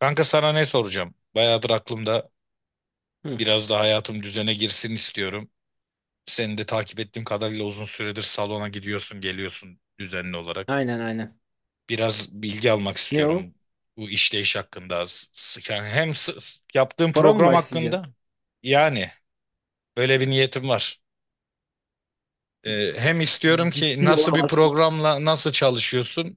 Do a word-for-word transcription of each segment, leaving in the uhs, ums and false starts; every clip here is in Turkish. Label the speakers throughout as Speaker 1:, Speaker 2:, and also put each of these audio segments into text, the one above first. Speaker 1: Kanka sana ne soracağım? Bayağıdır aklımda
Speaker 2: Hı.
Speaker 1: biraz da hayatım düzene girsin istiyorum. Seni de takip ettiğim kadarıyla uzun süredir salona gidiyorsun, geliyorsun düzenli olarak.
Speaker 2: Aynen aynen.
Speaker 1: Biraz bilgi almak
Speaker 2: Ne o?
Speaker 1: istiyorum bu işleyiş hakkında. S- s- Yani hem s- s- yaptığım
Speaker 2: Para mı
Speaker 1: program hakkında
Speaker 2: başlayacağım?
Speaker 1: yani böyle bir niyetim var. Ee, hem istiyorum ki
Speaker 2: Ciddi
Speaker 1: nasıl bir
Speaker 2: olamazsın.
Speaker 1: programla nasıl çalışıyorsun?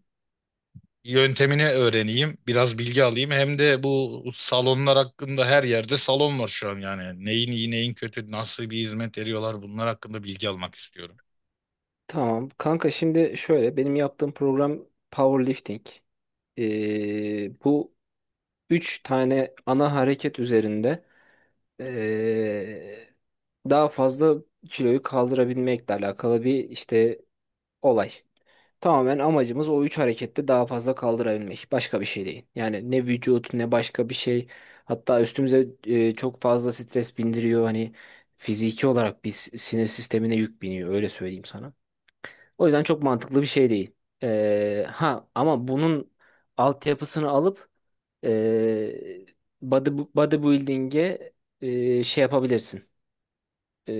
Speaker 1: Yöntemini öğreneyim, biraz bilgi alayım. Hem de bu salonlar hakkında her yerde salon var şu an yani. Neyin iyi, neyin kötü, nasıl bir hizmet veriyorlar bunlar hakkında bilgi almak istiyorum.
Speaker 2: Tamam. Kanka şimdi şöyle benim yaptığım program powerlifting. Ee, bu üç tane ana hareket üzerinde ee, daha fazla kiloyu kaldırabilmekle alakalı bir işte olay. Tamamen amacımız o üç harekette daha fazla kaldırabilmek. Başka bir şey değil. Yani ne vücut ne başka bir şey. Hatta üstümüze e, çok fazla stres bindiriyor. Hani fiziki olarak biz sinir sistemine yük biniyor. Öyle söyleyeyim sana. O yüzden çok mantıklı bir şey değil. Ee, ha ama bunun altyapısını alıp e, body, bodybuilding'e e, şey yapabilirsin.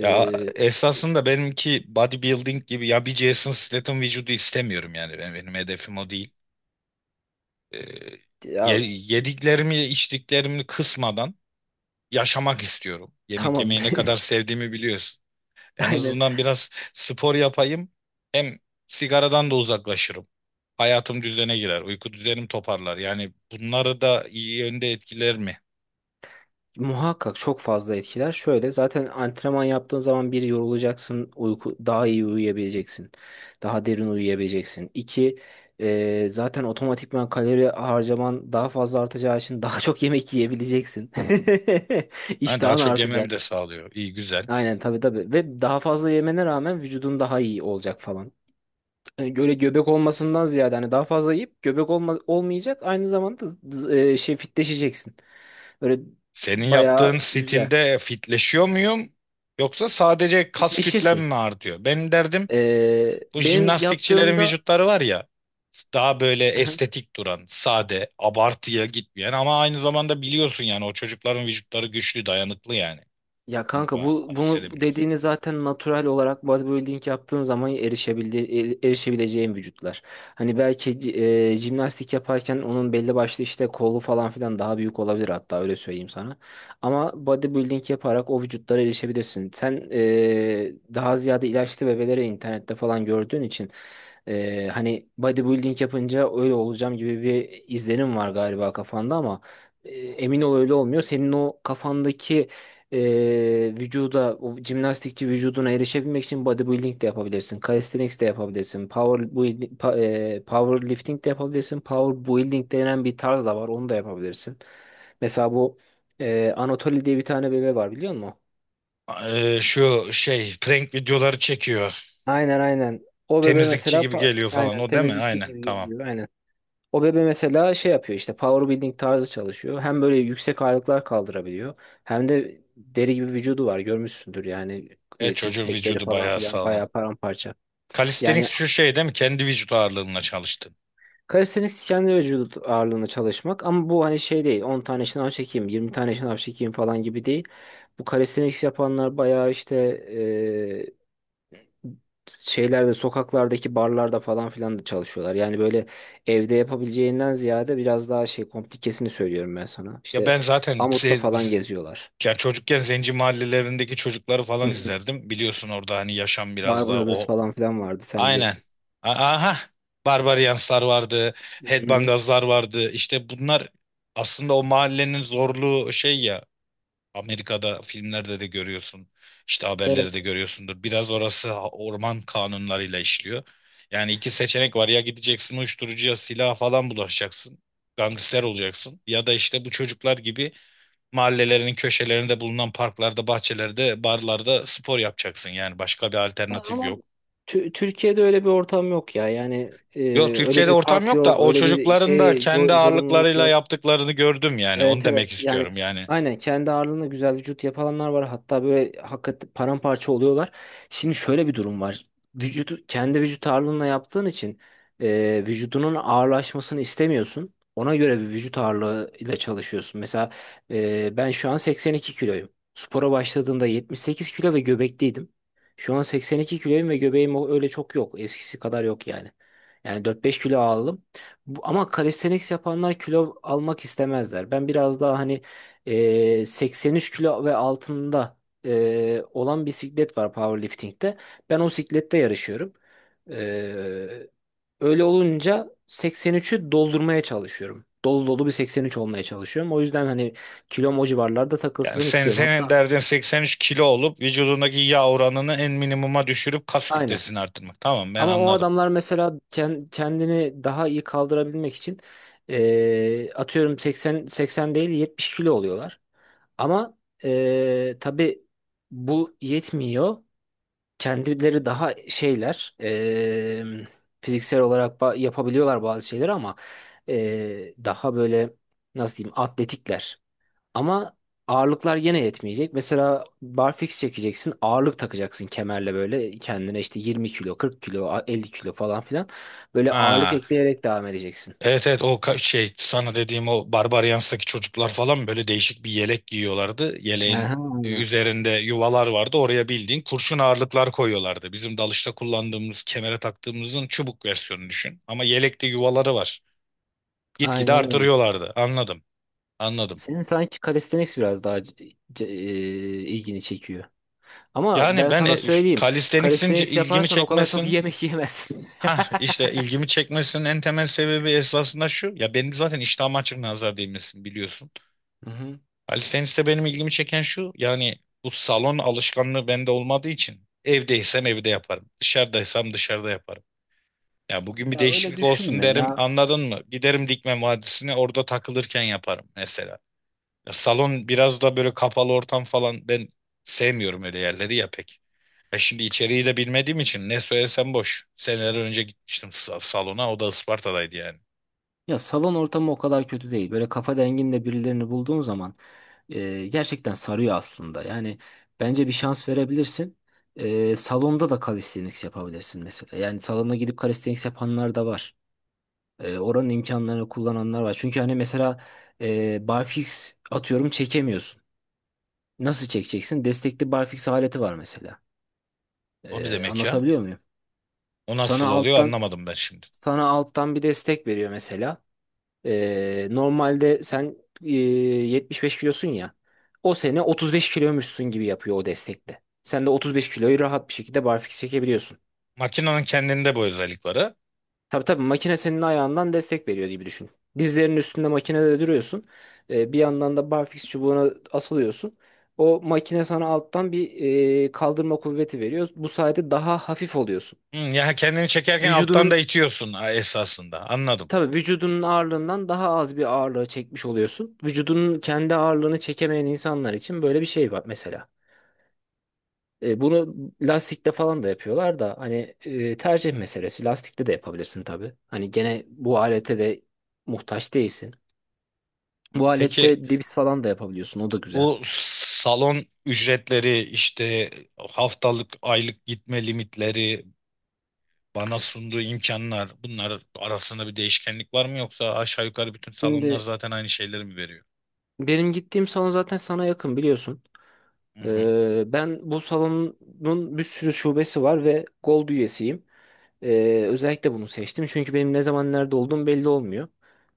Speaker 1: Ya esasında benimki bodybuilding gibi ya bir Jason Statham vücudu istemiyorum yani benim, benim hedefim o değil. Ee, ye-
Speaker 2: ya,
Speaker 1: Yediklerimi içtiklerimi kısmadan yaşamak istiyorum. Yemek
Speaker 2: tamam.
Speaker 1: yemeyi ne kadar sevdiğimi biliyorsun. En
Speaker 2: Aynen.
Speaker 1: azından biraz spor yapayım hem sigaradan da uzaklaşırım. Hayatım düzene girer. Uyku düzenim toparlar. Yani bunları da iyi yönde etkiler mi?
Speaker 2: Muhakkak çok fazla etkiler. Şöyle zaten antrenman yaptığın zaman bir yorulacaksın, uyku daha iyi uyuyabileceksin. Daha derin uyuyabileceksin. İki, e, zaten otomatikman kalori harcaman daha fazla artacağı için daha çok yemek yiyebileceksin.
Speaker 1: Yani daha
Speaker 2: İştahın
Speaker 1: çok yememi de
Speaker 2: artacak.
Speaker 1: sağlıyor. İyi güzel.
Speaker 2: Aynen tabii tabii. Ve daha fazla yemene rağmen vücudun daha iyi olacak falan. Yani Böyle göbek olmasından ziyade hani daha fazla yiyip göbek olma, olmayacak. Aynı zamanda z- z- e, şey fitleşeceksin. Böyle
Speaker 1: Senin yaptığın
Speaker 2: bayağı güzel.
Speaker 1: stilde fitleşiyor muyum? Yoksa sadece kas kütlem
Speaker 2: Fitleşirsin.
Speaker 1: mi artıyor? Benim derdim
Speaker 2: Ee,
Speaker 1: bu
Speaker 2: benim
Speaker 1: jimnastikçilerin
Speaker 2: yaptığımda.
Speaker 1: vücutları var ya daha böyle estetik duran, sade, abartıya gitmeyen ama aynı zamanda biliyorsun yani o çocukların vücutları güçlü, dayanıklı yani.
Speaker 2: Ya
Speaker 1: Bunu
Speaker 2: kanka
Speaker 1: da
Speaker 2: bu bunu
Speaker 1: hissedebiliyorsun.
Speaker 2: dediğini zaten natural olarak bodybuilding yaptığın zaman erişebildi, e- erişebileceğin vücutlar. Hani belki c- e, jimnastik yaparken onun belli başlı işte kolu falan filan daha büyük olabilir hatta öyle söyleyeyim sana. Ama bodybuilding yaparak o vücutlara erişebilirsin. Sen e, daha ziyade ilaçlı bebeleri internette falan gördüğün için e, hani bodybuilding yapınca öyle olacağım gibi bir izlenim var galiba kafanda ama e, emin ol öyle olmuyor. Senin o kafandaki e, vücuda o jimnastikçi vücuduna erişebilmek için bodybuilding de yapabilirsin. Calisthenics de yapabilirsin. Power building, pa, e, powerlifting de yapabilirsin. Power building denen bir tarz da var. Onu da yapabilirsin. Mesela bu e, Anatoly diye bir tane bebe var biliyor musun?
Speaker 1: Ee, şu şey prank videoları çekiyor.
Speaker 2: Aynen aynen. O bebe
Speaker 1: Temizlikçi
Speaker 2: mesela
Speaker 1: gibi
Speaker 2: pa-
Speaker 1: geliyor falan
Speaker 2: aynen
Speaker 1: o değil mi?
Speaker 2: temizlikçi
Speaker 1: Aynen
Speaker 2: gibi
Speaker 1: tamam.
Speaker 2: geziyor. Aynen. O bebe mesela şey yapıyor işte power building tarzı çalışıyor. Hem böyle yüksek ağırlıklar kaldırabiliyor. Hem de deri gibi vücudu var görmüşsündür yani
Speaker 1: E
Speaker 2: e, six
Speaker 1: çocuğun
Speaker 2: pack'leri
Speaker 1: vücudu
Speaker 2: falan
Speaker 1: bayağı
Speaker 2: filan
Speaker 1: sağlam.
Speaker 2: bayağı paramparça. Yani
Speaker 1: Calisthenics şu şey değil mi? Kendi vücut ağırlığınla çalıştın.
Speaker 2: kalistenik kendi vücut ağırlığına çalışmak ama bu hani şey değil on tane şınav çekeyim yirmi tane şınav çekeyim falan gibi değil. Bu kalistenik yapanlar bayağı işte şeylerde sokaklardaki barlarda falan filan da çalışıyorlar. Yani böyle evde yapabileceğinden ziyade biraz daha şey komplikesini söylüyorum ben sana.
Speaker 1: Ya
Speaker 2: İşte
Speaker 1: ben zaten
Speaker 2: Amut'ta
Speaker 1: ze-
Speaker 2: falan
Speaker 1: z-
Speaker 2: geziyorlar.
Speaker 1: ya çocukken zenci mahallelerindeki çocukları
Speaker 2: Hı
Speaker 1: falan
Speaker 2: hı.
Speaker 1: izlerdim. Biliyorsun orada hani yaşam biraz daha
Speaker 2: Barbaros
Speaker 1: o.
Speaker 2: falan filan vardı sen
Speaker 1: Aynen.
Speaker 2: bilirsin.
Speaker 1: A- Aha. Barbarianslar vardı.
Speaker 2: Hı hı.
Speaker 1: Headbangazlar vardı. İşte bunlar aslında o mahallenin zorluğu şey ya. Amerika'da filmlerde de görüyorsun. İşte
Speaker 2: Evet.
Speaker 1: haberleri de görüyorsundur. Biraz orası ha- orman kanunlarıyla işliyor. Yani iki seçenek var. Ya gideceksin uyuşturucuya, silaha falan bulaşacaksın. Gangster olacaksın. Ya da işte bu çocuklar gibi mahallelerinin köşelerinde bulunan parklarda, bahçelerde, barlarda spor yapacaksın. Yani başka bir alternatif
Speaker 2: Ama
Speaker 1: yok.
Speaker 2: Tü- Türkiye'de öyle bir ortam yok ya. Yani e,
Speaker 1: Yok
Speaker 2: öyle
Speaker 1: Türkiye'de
Speaker 2: bir
Speaker 1: ortam
Speaker 2: park
Speaker 1: yok da
Speaker 2: yok,
Speaker 1: o
Speaker 2: öyle bir
Speaker 1: çocukların da
Speaker 2: şey
Speaker 1: kendi
Speaker 2: zor- zorunluluk
Speaker 1: ağırlıklarıyla
Speaker 2: yok.
Speaker 1: yaptıklarını gördüm yani. Onu
Speaker 2: Evet
Speaker 1: demek
Speaker 2: evet yani
Speaker 1: istiyorum yani.
Speaker 2: aynen kendi ağırlığında güzel vücut yapanlar var hatta böyle hakikaten paramparça oluyorlar. Şimdi şöyle bir durum var. Vücudu kendi vücut ağırlığına yaptığın için e, vücudunun ağırlaşmasını istemiyorsun. Ona göre bir vücut ağırlığı ile çalışıyorsun. Mesela e, ben şu an seksen iki kiloyum. Spora başladığımda yetmiş sekiz kilo ve göbekliydim. Şu an seksen iki kiloyum ve göbeğim o- öyle çok yok, eskisi kadar yok yani. Yani dört beş kilo aldım. Bu, ama calisthenics yapanlar kilo almak istemezler. Ben biraz daha hani e, seksen üç kilo ve altında e, olan bisiklet var powerlifting'de. Ben o siklette yarışıyorum. E, Öyle olunca seksen üçü doldurmaya çalışıyorum. Dolu dolu bir seksen üç olmaya çalışıyorum. O yüzden hani kilom o civarlarda
Speaker 1: Yani
Speaker 2: takılsın
Speaker 1: sen
Speaker 2: istiyorum.
Speaker 1: senin
Speaker 2: Hatta
Speaker 1: derdin seksen üç kilo olup vücudundaki yağ oranını en minimuma düşürüp kas
Speaker 2: aynen.
Speaker 1: kütlesini arttırmak. Tamam ben
Speaker 2: Ama o
Speaker 1: anladım.
Speaker 2: adamlar mesela ken- kendini daha iyi kaldırabilmek için eee, atıyorum seksen, seksen değil yetmiş kilo oluyorlar. Ama eee tabii bu yetmiyor. Kendileri daha şeyler eee, fiziksel olarak ba- yapabiliyorlar bazı şeyleri ama eee, daha böyle nasıl diyeyim atletikler. Ama ağırlıklar yine yetmeyecek. Mesela barfix çekeceksin. Ağırlık takacaksın kemerle böyle kendine işte yirmi kilo, kırk kilo, elli kilo falan filan. Böyle ağırlık
Speaker 1: Ha,
Speaker 2: ekleyerek devam edeceksin.
Speaker 1: evet evet o ka- şey sana dediğim o Barbarians'taki çocuklar falan böyle değişik bir yelek giyiyorlardı.
Speaker 2: Aha,
Speaker 1: Yeleğin
Speaker 2: aynen.
Speaker 1: üzerinde yuvalar vardı. Oraya bildiğin kurşun ağırlıklar koyuyorlardı. Bizim dalışta kullandığımız, kemere taktığımızın çubuk versiyonunu düşün. Ama yelekte yuvaları var. Gitgide
Speaker 2: Aynen öyle.
Speaker 1: artırıyorlardı. Anladım. Anladım.
Speaker 2: Senin sanki calisthenics biraz daha c- c- e, ilgini çekiyor. Ama
Speaker 1: Yani
Speaker 2: ben
Speaker 1: ben e,
Speaker 2: sana
Speaker 1: üf,
Speaker 2: söyleyeyim.
Speaker 1: calisthenics'in c-
Speaker 2: Calisthenics
Speaker 1: ilgimi
Speaker 2: yaparsan o kadar çok
Speaker 1: çekmesin.
Speaker 2: yemek yemezsin.
Speaker 1: Ha işte ilgimi çekmesinin en temel sebebi esasında şu. Ya benim zaten iştahım açık nazar değmesin biliyorsun.
Speaker 2: Hı hı.
Speaker 1: Alice Tennis'te benim ilgimi çeken şu. Yani bu salon alışkanlığı bende olmadığı için evdeysem evde yaparım. Dışarıdaysam dışarıda yaparım. Ya bugün bir
Speaker 2: Ya öyle
Speaker 1: değişiklik olsun
Speaker 2: düşünme
Speaker 1: derim
Speaker 2: ya.
Speaker 1: anladın mı? Giderim Dikme Vadisi'ne orada takılırken yaparım mesela. Ya salon biraz da böyle kapalı ortam falan ben sevmiyorum öyle yerleri ya pek. E şimdi içeriği de bilmediğim için ne söylesem boş. Seneler önce gitmiştim sa- salona. O da Isparta'daydı yani.
Speaker 2: Ya salon ortamı o kadar kötü değil. Böyle kafa denginde birilerini bulduğun zaman e, gerçekten sarıyor aslında. Yani bence bir şans verebilirsin. E, salonda da calisthenics yapabilirsin mesela. Yani salona gidip calisthenics yapanlar da var. E, oranın imkanlarını kullananlar var. Çünkü hani mesela e, barfix atıyorum çekemiyorsun. Nasıl çekeceksin? Destekli barfix aleti var mesela.
Speaker 1: O ne
Speaker 2: E,
Speaker 1: demek ya?
Speaker 2: anlatabiliyor muyum?
Speaker 1: O
Speaker 2: Sana
Speaker 1: nasıl oluyor
Speaker 2: alttan
Speaker 1: anlamadım ben şimdi.
Speaker 2: sana alttan bir destek veriyor mesela. Ee, normalde sen e, yetmiş beş kilosun ya. O sene otuz beş kiloymuşsun gibi yapıyor o destekte. Sen de otuz beş kiloyu rahat bir şekilde barfiks çekebiliyorsun.
Speaker 1: Makinenin kendinde bu özellik var ha?
Speaker 2: Tabii tabii makine senin ayağından destek veriyor gibi düşün. Dizlerinin üstünde makinede duruyorsun. Ee, bir yandan da barfiks çubuğuna asılıyorsun. O makine sana alttan bir e, kaldırma kuvveti veriyor. Bu sayede daha hafif oluyorsun.
Speaker 1: Hı, ya kendini çekerken alttan da
Speaker 2: Vücudunun
Speaker 1: itiyorsun ha, esasında. Anladım.
Speaker 2: Tabii vücudunun ağırlığından daha az bir ağırlığı çekmiş oluyorsun. Vücudunun kendi ağırlığını çekemeyen insanlar için böyle bir şey var mesela. E, bunu lastikte falan da yapıyorlar da hani e, tercih meselesi. Lastikte de yapabilirsin tabii. Hani gene bu alete de muhtaç değilsin. Bu
Speaker 1: Peki
Speaker 2: alette dips falan da yapabiliyorsun. O da güzel.
Speaker 1: bu salon ücretleri işte haftalık aylık gitme limitleri bana sunduğu imkanlar bunlar arasında bir değişkenlik var mı yoksa aşağı yukarı bütün salonlar
Speaker 2: Şimdi
Speaker 1: zaten aynı şeyleri mi veriyor?
Speaker 2: benim gittiğim salon zaten sana yakın biliyorsun.
Speaker 1: Hı hı.
Speaker 2: Ee, ben bu salonun bir sürü şubesi var ve Gold üyesiyim. Ee, özellikle bunu seçtim çünkü benim ne zaman nerede olduğum belli olmuyor.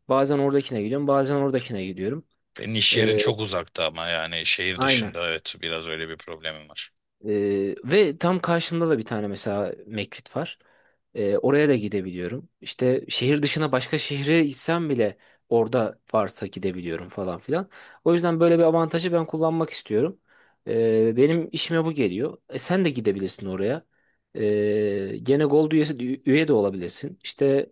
Speaker 2: Bazen oradakine gidiyorum, bazen oradakine gidiyorum.
Speaker 1: Senin iş yerin
Speaker 2: Ee,
Speaker 1: çok uzakta ama yani şehir
Speaker 2: aynen.
Speaker 1: dışında evet biraz öyle bir problemim var.
Speaker 2: Ee, ve tam karşımda da bir tane mesela McFit var. Ee, oraya da gidebiliyorum. İşte şehir dışına başka şehre gitsem bile orada varsa gidebiliyorum falan filan. O yüzden böyle bir avantajı ben kullanmak istiyorum. Ee, benim işime bu geliyor. E, sen de gidebilirsin oraya. Ee, gene Gold üyesi, üye de olabilirsin. İşte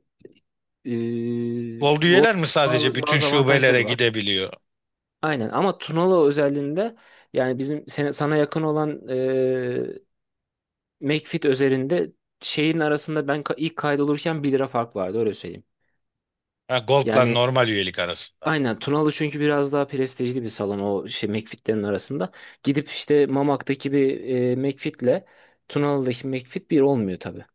Speaker 2: e,
Speaker 1: Gold
Speaker 2: Gold
Speaker 1: üyeler mi sadece
Speaker 2: bazı
Speaker 1: bütün
Speaker 2: bazı
Speaker 1: şubelere
Speaker 2: avantajları var.
Speaker 1: gidebiliyor?
Speaker 2: Aynen ama Tunalı özelliğinde yani bizim sen- sana yakın olan McFit özelinde şeyin arasında ben ka- ilk kaydolurken bir lira fark vardı öyle söyleyeyim.
Speaker 1: Ha, Gold'la
Speaker 2: Yani
Speaker 1: normal üyelik arasında.
Speaker 2: aynen Tunalı çünkü biraz daha prestijli bir salon o şey McFit'lerin arasında. Gidip işte Mamak'taki bir e, McFit'le Tunalı'daki McFit bir olmuyor tabii.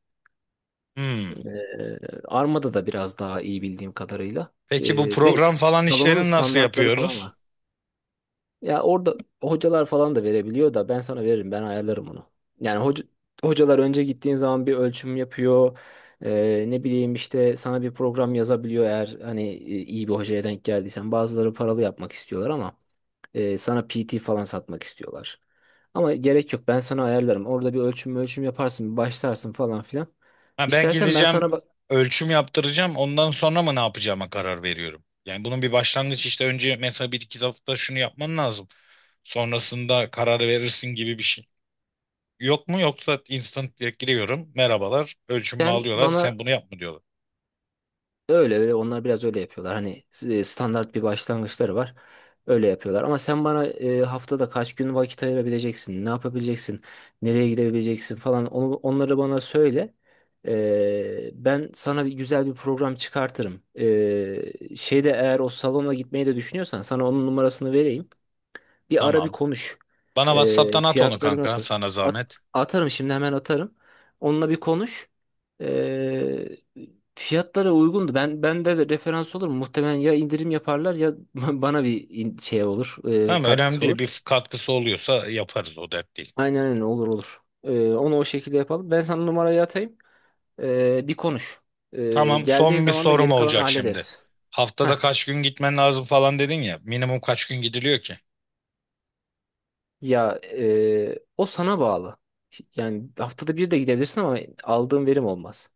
Speaker 1: Hmm.
Speaker 2: Ee, Armada da biraz daha iyi bildiğim kadarıyla.
Speaker 1: Peki bu
Speaker 2: Ee, ve
Speaker 1: program
Speaker 2: s-
Speaker 1: falan
Speaker 2: salonun
Speaker 1: işlerini nasıl
Speaker 2: standartları falan
Speaker 1: yapıyoruz?
Speaker 2: var. Ya orada hocalar falan da verebiliyor da ben sana veririm ben ayarlarım onu. Yani hoca, hocalar önce gittiğin zaman bir ölçüm yapıyor. Ee, ne bileyim işte sana bir program yazabiliyor eğer hani e, iyi bir hocaya denk geldiysen. Bazıları paralı yapmak istiyorlar ama e, sana P T falan satmak istiyorlar. Ama gerek yok ben sana ayarlarım. Orada bir ölçüm ölçüm yaparsın bir başlarsın falan filan.
Speaker 1: Ha, ben
Speaker 2: İstersen ben
Speaker 1: gideceğim
Speaker 2: sana bak
Speaker 1: ölçüm yaptıracağım ondan sonra mı ne yapacağıma karar veriyorum. Yani bunun bir başlangıç işte önce mesela bir iki hafta şunu yapman lazım. Sonrasında karar verirsin gibi bir şey. Yok mu yoksa instant direkt giriyorum. Merhabalar ölçümümü
Speaker 2: sen
Speaker 1: alıyorlar
Speaker 2: bana
Speaker 1: sen bunu yapma diyorlar.
Speaker 2: Öyle öyle onlar biraz öyle yapıyorlar. Hani e, standart bir başlangıçları var. Öyle yapıyorlar. Ama sen bana e, haftada kaç gün vakit ayırabileceksin, ne yapabileceksin, nereye gidebileceksin falan onu, onları bana söyle. E, ben sana bir güzel bir program çıkartırım. E, şeyde eğer o salona gitmeyi de düşünüyorsan sana onun numarasını vereyim. Bir ara bir
Speaker 1: Tamam.
Speaker 2: konuş.
Speaker 1: Bana
Speaker 2: Ee,
Speaker 1: WhatsApp'tan at onu
Speaker 2: fiyatları
Speaker 1: kanka
Speaker 2: nasıl?
Speaker 1: sana
Speaker 2: At-
Speaker 1: zahmet.
Speaker 2: Atarım şimdi hemen atarım. Onunla bir konuş. Ee, Fiyatlara uygundu. Ben bende de referans olur mu? Muhtemelen ya indirim yaparlar ya bana bir in- şey olur, e,
Speaker 1: Tamam önemli
Speaker 2: katkısı
Speaker 1: değil.
Speaker 2: olur.
Speaker 1: Bir katkısı oluyorsa yaparız o dert değil.
Speaker 2: Aynen öyle olur olur. Ee, onu o şekilde yapalım. Ben sana numarayı atayım. Ee, bir konuş. Ee,
Speaker 1: Tamam
Speaker 2: geldiğin
Speaker 1: son bir
Speaker 2: zaman da
Speaker 1: sorum
Speaker 2: geri kalanı
Speaker 1: olacak şimdi.
Speaker 2: hallederiz.
Speaker 1: Haftada
Speaker 2: Heh.
Speaker 1: kaç gün gitmen lazım falan dedin ya. Minimum kaç gün gidiliyor ki?
Speaker 2: Ya e, o sana bağlı. Yani haftada bir de gidebilirsin ama aldığın verim olmaz.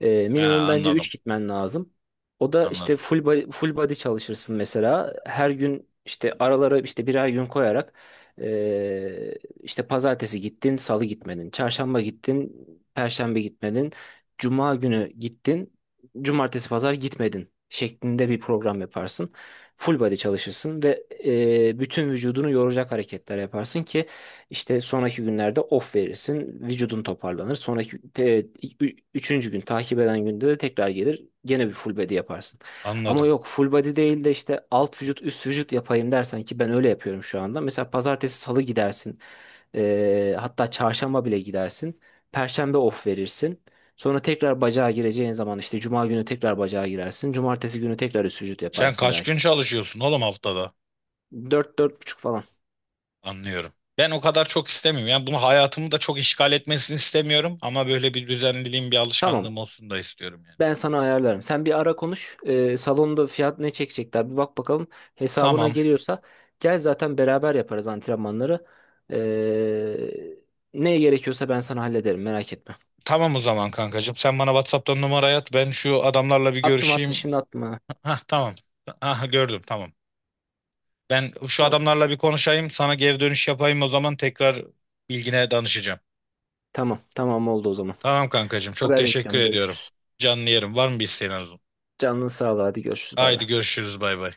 Speaker 2: Ee,
Speaker 1: He
Speaker 2: minimum bence
Speaker 1: anladım.
Speaker 2: üç gitmen lazım. O da işte
Speaker 1: Anladım.
Speaker 2: full body, full body çalışırsın mesela. Her gün işte aralara işte birer gün koyarak ee, işte pazartesi gittin, salı gitmedin, çarşamba gittin, perşembe gitmedin, cuma günü gittin, cumartesi pazar gitmedin şeklinde bir program yaparsın. Full body çalışırsın ve ee, bütün vücudunu yoracak hareketler yaparsın ki işte sonraki günlerde off verirsin. Vücudun toparlanır. Sonraki te- ü- üçüncü gün takip eden günde de tekrar gelir. Gene bir full body yaparsın. Ama
Speaker 1: Anladım.
Speaker 2: yok full body değil de işte alt vücut üst vücut yapayım dersen ki ben öyle yapıyorum şu anda. Mesela pazartesi salı gidersin. Ee, hatta çarşamba bile gidersin. Perşembe off verirsin. Sonra tekrar bacağa gireceğin zaman işte cuma günü tekrar bacağa girersin. Cumartesi günü tekrar üst vücut
Speaker 1: Sen
Speaker 2: yaparsın
Speaker 1: kaç gün
Speaker 2: belki.
Speaker 1: çalışıyorsun oğlum haftada?
Speaker 2: Dört dört buçuk falan.
Speaker 1: Anlıyorum. Ben o kadar çok istemiyorum. Yani bunu hayatımı da çok işgal etmesini istemiyorum. Ama böyle bir düzenliliğim, bir
Speaker 2: Tamam.
Speaker 1: alışkanlığım olsun da istiyorum yani.
Speaker 2: Ben sana ayarlarım. Sen bir ara konuş. Ee, salonda fiyat ne çekecekler bir bak bakalım. Hesabına
Speaker 1: Tamam.
Speaker 2: geliyorsa gel zaten beraber yaparız antrenmanları. Ee, Ne gerekiyorsa ben sana hallederim merak etme.
Speaker 1: Tamam o zaman kankacığım. Sen bana WhatsApp'tan numarayı at. Ben şu adamlarla bir
Speaker 2: Attım attım
Speaker 1: görüşeyim.
Speaker 2: şimdi attım ha.
Speaker 1: Ha tamam. Aha gördüm tamam. Ben şu
Speaker 2: Tamam.
Speaker 1: adamlarla bir konuşayım, sana geri dönüş yapayım o zaman tekrar bilgine danışacağım.
Speaker 2: Tamam tamam oldu o zaman.
Speaker 1: Tamam kankacığım, çok
Speaker 2: Haber
Speaker 1: teşekkür
Speaker 2: bekliyorum
Speaker 1: ediyorum.
Speaker 2: görüşürüz.
Speaker 1: Canlı yerim. Var mı bir isteğin Arzu?
Speaker 2: Canın sağ ol hadi görüşürüz bay bay.
Speaker 1: Haydi görüşürüz bay bay.